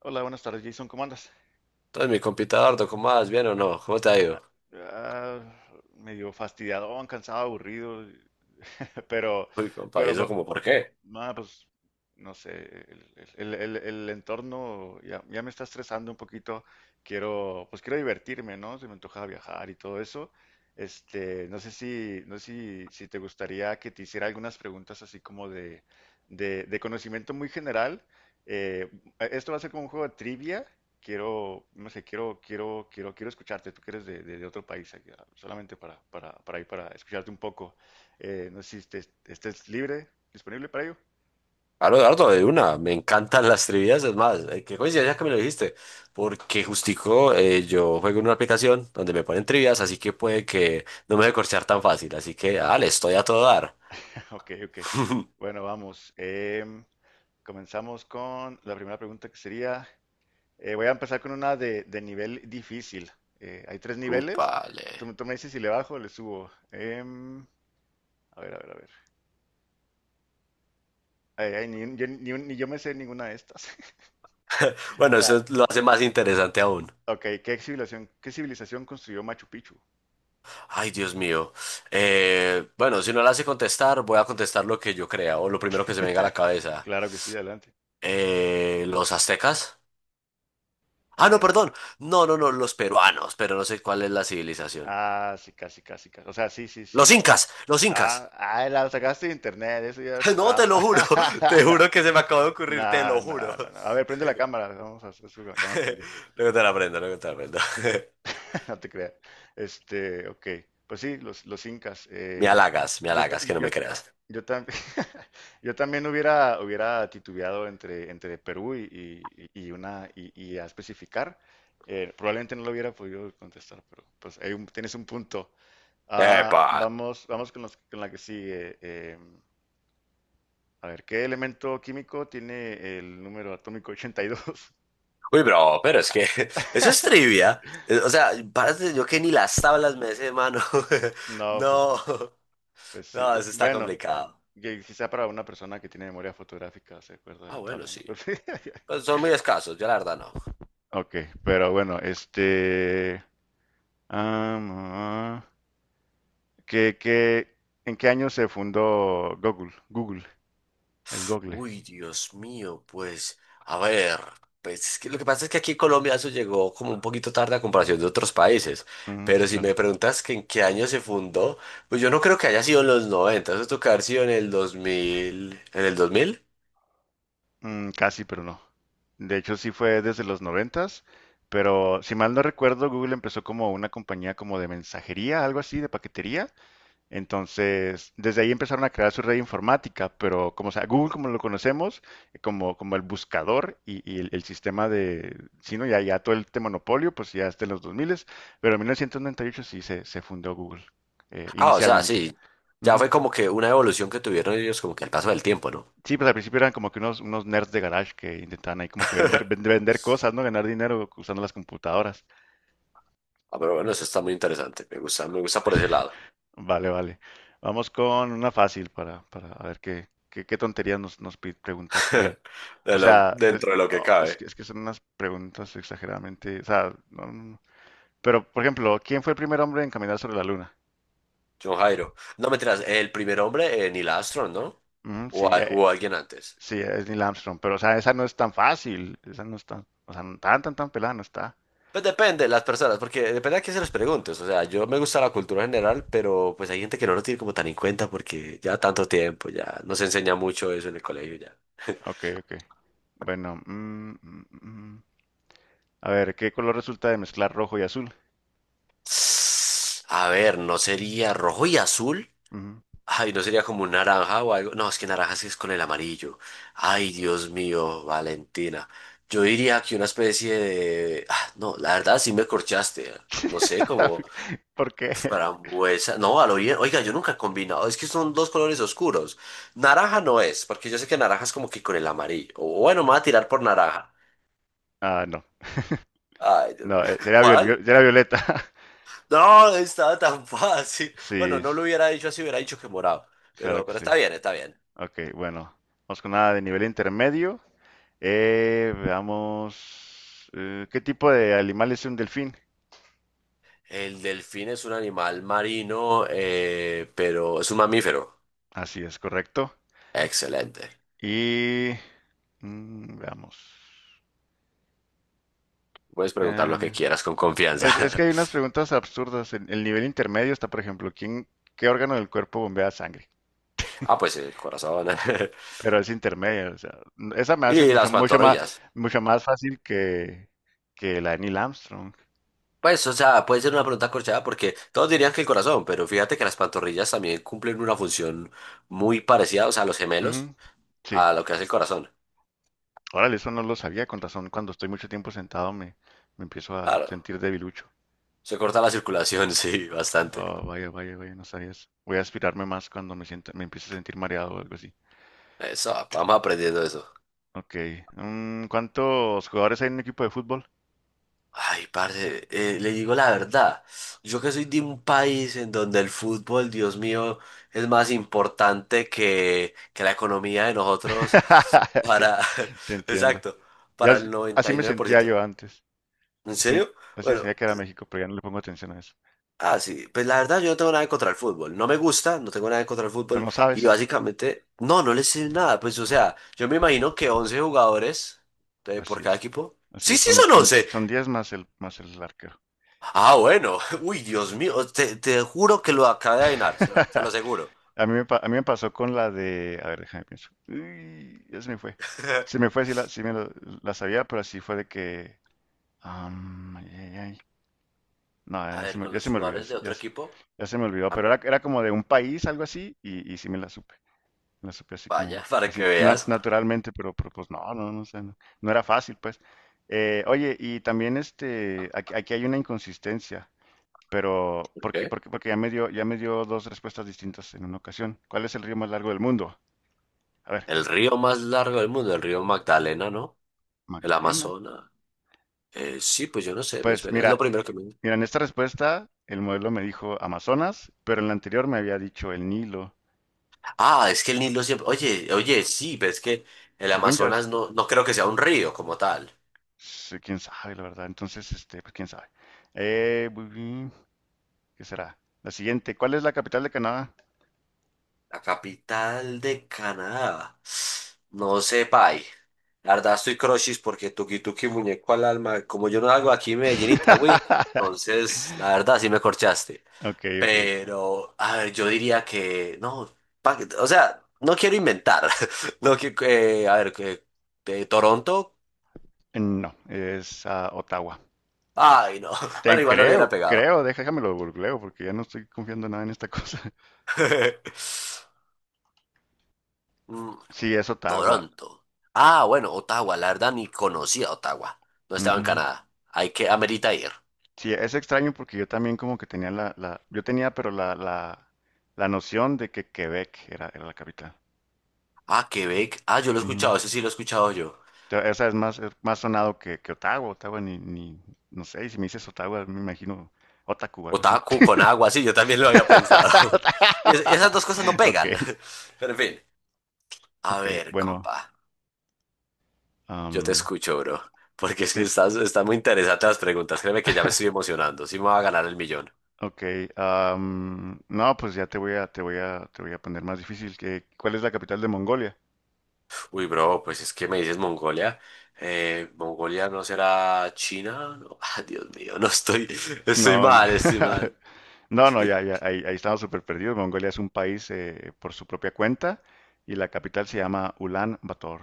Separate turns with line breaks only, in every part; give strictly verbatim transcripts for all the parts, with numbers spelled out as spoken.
Hola, buenas tardes, Jason. ¿Cómo andas?
Entonces, mi compita Dardo, ¿cómo vas? ¿Bien o no? ¿Cómo te ha ido?
Nada, ah, medio fastidiado, cansado, aburrido. Pero,
Uy, compa, ¿y
pero,
eso
bu-
como por
bu-
qué?
nada, pues, no sé, el, el- el- el entorno ya, ya me está estresando un poquito. Quiero, pues quiero divertirme, ¿no? Se me antoja viajar y todo eso. Este, no sé si, no sé si, si te gustaría que te hiciera algunas preguntas así como de, de, de conocimiento muy general. Eh, Esto va a ser como un juego de trivia. Quiero, no sé, quiero, quiero, quiero, quiero escucharte. Tú que eres de, de- de otro país, aquí, solamente para, para, para ir, para escucharte un poco. Eh, no sé si este, este es libre, disponible para ello.
Claro, Dardo, de una, me encantan las trivias, es más, eh, qué coincidencia que me lo dijiste, porque justico eh, yo juego en una aplicación donde me ponen trivias, así que puede que no me deje corchear tan fácil, así que, dale, estoy a todo dar.
Ok, ok. Bueno, vamos. Em, comenzamos con la primera pregunta que sería, eh, voy a empezar con una de, de nivel difícil. Eh, hay tres niveles.
Cúpale.
Tú, me tú me dices si le bajo o le subo. Em, a ver, a ver, a ver. Ay, ay, ni, yo, ni un- ni yo me sé ninguna de estas.
Bueno,
Ra-
eso lo hace más interesante aún.
Ok, ¿qué civilización, qué civilización construyó Machu Picchu?
Ay, Dios mío. Eh, bueno, si no la hace contestar, voy a contestar lo que yo crea o lo primero que se me venga a la cabeza.
Claro que sí, adelante.
Eh, ¿los aztecas? Ah, no,
Em,
perdón. No, no, no, los peruanos, pero no sé cuál es la civilización.
ah, sí, casi, casi, casi. O sea, sí, sí, sí,
Los
sí.
incas, los incas.
Ah, ah, la sacaste de internet, eso ya fue
No, te lo
trampa.
juro, te juro que se me acaba de ocurrir, te lo
Nah, nah,
juro.
nah, nah. A ver, prende la cámara, vamos a hacer eso con la cámara prendida,
Luego te la aprendo, luego te la aprendo.
no te creas. Este, ok, pues sí, los, los incas.
Me
eh,
halagas, me
yo, ta-
halagas, que no
yo,
me creas.
yo, tam- yo también hubiera, hubiera titubeado entre, entre Perú y, y- y una, y, y a especificar. Eh, probablemente no lo hubiera podido contestar, pero pues hay un- tienes un punto. Ah,
Epa.
vamos, vamos con, los- con la que sigue. em, A ver, ¿qué elemento químico tiene el número atómico ochenta y dos?
Uy, bro, pero es que eso es trivia. Eh, O sea, párate, yo que ni las tablas me sé, mano.
No, pues
No,
no. Pues sí.
no, eso está
Bueno,
complicado.
que quizá para una persona que tiene memoria fotográfica se acuerda de
Ah,
la
bueno,
tabla, ¿no?
sí.
Pero sí.
Pues son muy escasos, yo la verdad no.
Ok, pero bueno, este... am, ah, ¿qué- qué- en qué año se fundó Google? Google, el Google.
Uy, Dios mío, pues, a ver, pues es que lo que pasa es que aquí en Colombia eso llegó como un poquito tarde a comparación de otros países,
Mm, sí,
pero si
claro.
me preguntas que en qué año se fundó, pues yo no creo que haya sido en los noventa, eso tuvo que haber sido en el dos mil, ¿en el dos mil?
Mm, casi, pero no. De hecho, sí fue desde los noventas, pero si mal no recuerdo, Google empezó como una compañía como de mensajería, algo así, de paquetería. Entonces, desde ahí empezaron a crear su red informática, pero como sea, Google como lo conocemos, eh, como, como el buscador y, y el, el sistema de, sí, ¿no? Ya, ya todo este monopolio, pues ya está en los dos mil, pero en mil novecientos noventa y ocho sí se, se fundó Google, eh,
Ah, o sea,
inicialmente.
sí, ya fue
Ujú.
como que una evolución que tuvieron ellos como que al paso del tiempo, ¿no?
Sí, pues al principio eran como que unos, unos nerds de garage que intentaban ahí como que vender, vend- vender cosas, ¿no? Ganar dinero usando las computadoras.
Ah, pero bueno, eso está muy interesante, me gusta, me gusta por ese lado,
Vale, vale. Vamos con una fácil para, para a ver qué, qué, qué tonterías nos, nos pi- preguntó aquí. O
de lo-
sea, es,
dentro de lo que
oh, es que,
cabe.
es que son unas preguntas exageradamente. O sea, no, no, no. Pero, por ejemplo, ¿quién fue el primer hombre en caminar sobre la luna?
John Jairo. No me tiras, el primer hombre, eh, Neil Armstrong, ¿no?
Mm, sí,
O, a-
eh,
o alguien antes.
sí, es Neil Armstrong. Pero, o sea, esa no es tan fácil. Esa no es tan. O sea, no tan, tan, tan pelada, no está.
Pues depende, de las personas, porque depende a quién se les preguntes. O sea, yo me gusta la cultura general, pero pues hay gente que no lo tiene como tan en cuenta porque ya tanto tiempo, ya no se enseña mucho eso en el colegio ya.
Ok, ok. Bueno, mm, mm, mm. A ver, ¿qué color resulta de mezclar rojo y azul?
A ver, ¿no sería rojo y azul?
Ujú.
Ay, ¿no sería como un naranja o algo? No, es que naranja sí es con el amarillo. Ay, Dios mío, Valentina. Yo diría que una especie de, ah, no, la verdad sí me corchaste. ¿Eh? No sé, como.
¿Por qué?
Frambuesa, no, a lo bien. Oiga, yo nunca he combinado. Es que son dos colores oscuros. Naranja no es, porque yo sé que naranja es como que con el amarillo. O bueno, me voy a tirar por naranja.
Ah, no.
Ay, Dios mío.
No, eh, sería, viol-
¿Cuál?
viol- sería violeta.
No, estaba tan fácil.
Sí,
Bueno, no
s-
lo hubiera dicho así, hubiera dicho que morado.
claro
Pero,
que
pero
sí.
está bien, está bien.
Ok, bueno. Vamos con nada de nivel intermedio. Eh, veamos. Eh, ¿qué tipo de animal es un delfín?
El delfín es un animal marino, eh, pero es un mamífero.
Así es, correcto.
Excelente.
Y mm, veamos.
Puedes preguntar lo que
Eh,
quieras con confianza.
es, es que hay unas preguntas absurdas. En el nivel intermedio está, por ejemplo, ¿quién, qué órgano del cuerpo bombea sangre?
Ah, pues el corazón.
Pero es intermedio, o sea, n- esa me hace
Y
mucho,
las
mucho más,
pantorrillas.
mucho más fácil que, que la de Neil Armstrong.
Pues, o sea, puede ser una pregunta corchada porque todos dirían que el corazón, pero fíjate que las pantorrillas también cumplen una función muy parecida, o sea, los
Ujú.
gemelos,
Sí.
a lo que hace el corazón.
Órale, eso no lo sabía, con razón. Cuando estoy mucho tiempo sentado me, me empiezo a
Claro,
sentir debilucho.
se corta la circulación, sí, bastante.
Oh, vaya, vaya, vaya, no sabías. Voy a aspirarme más cuando me sienta, me empiece a sentir mareado o algo así.
Eso, vamos aprendiendo eso.
Ok. Mm, ¿cuántos jugadores hay en un equipo de fútbol?
Ay, parce, eh, le digo la verdad, yo que soy de un país en donde el fútbol, Dios mío, es más importante que, que la economía de nosotros
Sí,
para,
te entiendo.
exacto,
Ya
para el
as- así
noventa y
me
nueve por
sentía
ciento
yo antes.
¿En
Sí,
serio?
así me
Bueno,
sentía que era México, pero ya no le pongo atención a eso.
ah, sí, pues la verdad yo no tengo nada en contra el fútbol, no me gusta, no tengo nada en contra el
Pero
fútbol
no
y
sabes.
básicamente, no, no les sé nada, pues o sea, yo me imagino que once jugadores eh,
Así
por cada
es.
equipo,
Así
sí,
es.
sí
Son,
son
son,
once,
son diez más el, más el arquero.
ah, bueno, uy, Dios mío, te, te juro que lo acabo de adivinar, se lo, se lo aseguro.
A mí me, pa- a mí me pasó con la de. A ver, déjame pienso. Uy, ya se me fue. Se me fue, sí, la, sí me lo- la sabía, pero así fue de que. Am, ay, ay, ay. No,
A
ya se
ver,
me,
con
ya
los
se me olvidó.
jugadores
es-
de
Ya,
otro
s-
equipo,
ya se me olvidó.
ah,
Pero era, era como de un país, algo así, y, y sí me la supe. Me la supe así
vaya,
como,
para que
así, na-
veas.
naturalmente, pero, pero pues no, no, no sé, no, no era fácil, pues. Eh, oye, y también este, aquí, aquí hay una inconsistencia, pero porque,
¿Qué?
porque, porque ya me dio, ya me dio dos respuestas distintas en una ocasión. ¿Cuál es el río más largo del mundo? A ver,
El río más largo del mundo, el río Magdalena, ¿no? El
Magdalena.
Amazonas. Eh, sí, pues yo no sé, me
Pues
suena, es lo
mira, eh,
primero que me.
mira, en esta respuesta el modelo me dijo Amazonas, pero en la anterior me había dicho el Nilo.
Ah, es que el Nilo siempre. Oye, oye, sí, pero es que el
Según yo es,
Amazonas no, no creo que sea un río como tal.
sí, quién sabe, la verdad. Entonces, este, pues quién sabe. Eh, bu- bu- ¿Qué será? La siguiente, ¿cuál es la capital de Canadá?
La capital de Canadá. No sé, pay. La verdad estoy crochis porque tuki tuki muñeco al alma. Como yo no salgo aquí en Medellín Itagüí, entonces la verdad sí me corchaste.
Ok, ok. Ok.
Pero, a ver, yo diría que. No, pa- o sea, no quiero inventar. No, que, eh, a ver, que. De Toronto.
No, es ah, Ottawa.
Ay, no. Bueno,
Te
igual no le hubiera
creo,
pegado.
creo, déjamelo googleo porque ya no estoy confiando nada en esta cosa.
Mm,
Sí, es Ottawa.
Toronto. Ah, bueno, Ottawa, la verdad ni conocía Ottawa. No estaba en Canadá. Hay que, amerita ir.
Sí, es extraño porque yo también como que tenía la, la- yo tenía pero la, la, la noción de que Quebec era, era la capital.
Ah, Quebec. Ah, yo lo he
Ujú.
escuchado, ese sí lo he escuchado yo.
Te- Esa es más, es más sonado que, que Ottawa, Ottawa ni, ni, no sé, si me dices Ottawa me imagino Otaku o algo así.
Otaku con agua, sí, yo también lo había pensado. Y es- esas dos cosas no
Ok,
pegan. Pero en fin. A
ok,
ver,
bueno,
compa. Yo te
am,
escucho, bro. Porque es que
sí,
estás, están muy interesantes las preguntas. Créeme que ya me estoy emocionando. Sí me va a ganar el millón.
ok, am, no, pues ya te voy a, te voy a, te voy a poner más difícil que, ¿cuál es la capital de Mongolia?
Uy, bro, pues es que me dices Mongolia. Eh, ¿Mongolia no será China? No. Ah, Dios mío, no estoy,
No,
estoy mal, estoy mal.
No, no, ya, ya, ahí, ahí estamos súper perdidos. Mongolia es un país eh, por su propia cuenta y la capital se llama Ulan Bator.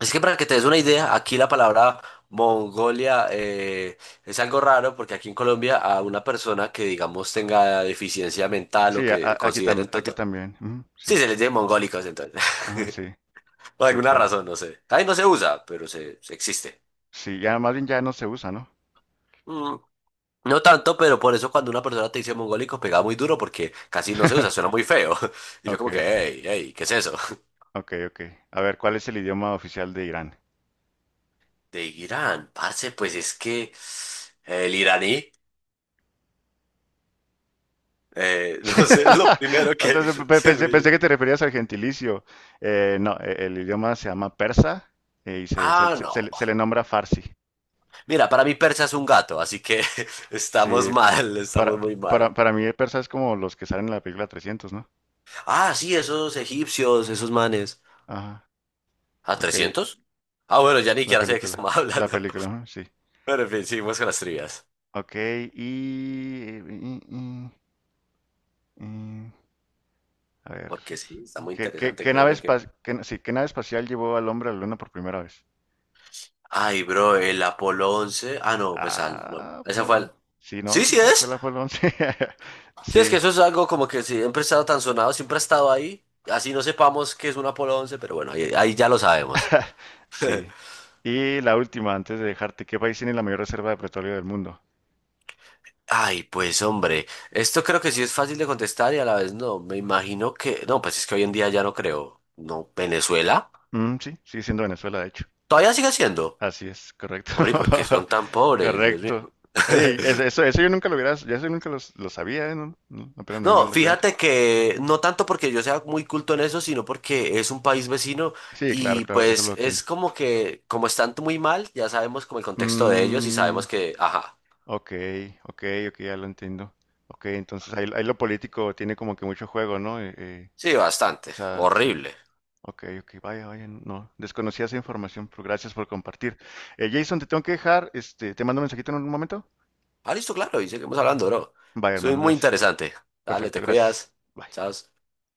Es que para que te des una idea, aquí la palabra Mongolia eh, es algo raro porque aquí en Colombia a una persona que digamos tenga deficiencia mental o
Sí, a-
que
a- aquí, también,
consideren
aquí
toto,
también. Ujú,
sí
sí,
se les dice mongólicos entonces,
ajá, sí,
por
sí,
alguna
claro.
razón, no sé. Ahí no se usa, pero se, se existe.
Sí, ya más bien ya no se usa, ¿no?
Mm. No tanto, pero por eso cuando una persona te dice mongólico pegaba muy duro porque casi no se usa, suena muy feo. Y yo
Ok,
como que,
ok,
hey, hey, ¿qué es eso?
ok, ok. A ver, ¿cuál es el idioma oficial de Irán?
De Irán, parce, pues es que el iraní, eh, no sé, es lo primero
O
que
sea, pe- pe-
se me
Pensé, pensé que
viene.
te referías al gentilicio. Eh, no, eh, el idioma se llama persa eh, y se, se-
Ah,
se-
no.
se le se le nombra farsi.
Mira, para mí persa es un gato, así que estamos
Sí.
mal, estamos
Para,
muy mal.
para, para mí, persa es como los que salen en la película trescientos, ¿no?
Ah, sí, esos egipcios, esos manes.
Ajá,
¿A
ok,
trescientos? Ah, bueno, ya ni
la
siquiera sé de qué
película.
estamos
La
hablando.
película, ajá, sí.
Pero en fin, seguimos con las trivias.
Ok, y... y- y- y- a ver.
Porque sí, está muy
¿Qué, qué-
interesante,
qué nave
créeme que.
espa- qué- sí, qué nave espacial llevó al hombre a la luna por primera vez?
Ay, bro, el Apolo once. Ah, no, pues al, no.
Ah,
Esa fue
perro.
al.
Sí, no,
Sí,
sí
sí
fue, fue
es.
la Apolo once.
Sí, es que
Sí,
eso es algo como que siempre ha estado tan sonado, siempre ha estado ahí. Así no sepamos que es un Apolo once, pero bueno, ahí, ahí ya lo sabemos.
sí. Y la última, antes de dejarte, ¿qué país tiene la mayor reserva de petróleo del mundo?
Ay, pues hombre, esto creo que sí es fácil de contestar y a la vez no. Me imagino que. No, pues es que hoy en día ya no creo. No, Venezuela.
Mm, sí, sigue siendo Venezuela, de hecho.
Todavía sigue siendo.
Así es, correcto.
Hombre, ¿y por qué son tan pobres? Dios
Correcto.
mío.
Oye, eso, eso, eso yo nunca lo hubiera, yo eso nunca lo, lo sabía, ¿eh? No, no, apenas me vengo
No,
dando cuenta.
fíjate que no tanto porque yo sea muy culto en eso, sino porque es un país vecino
Sí, claro,
y
claro, eso lo
pues
entiendo.
es como que, como están muy mal, ya sabemos como el contexto de ellos y
Mm,
sabemos que, ajá,
ok, ok, ok, ya lo entiendo. Ok, entonces ahí, ahí lo político tiene como que mucho juego, ¿no? Eh, eh,
sí, bastante,
o sea, sí.
horrible.
Ok, ok, vaya, vaya, no. Desconocía esa información, pero gracias por compartir. Eh, Jason, te tengo que dejar, este, te mando un mensajito en un momento.
Ah, listo, claro, y seguimos hablando, bro.
Bye,
Soy
hermano,
muy
gracias.
interesante. Dale, te
Perfecto, gracias.
cuidas.
Bye.
Chao.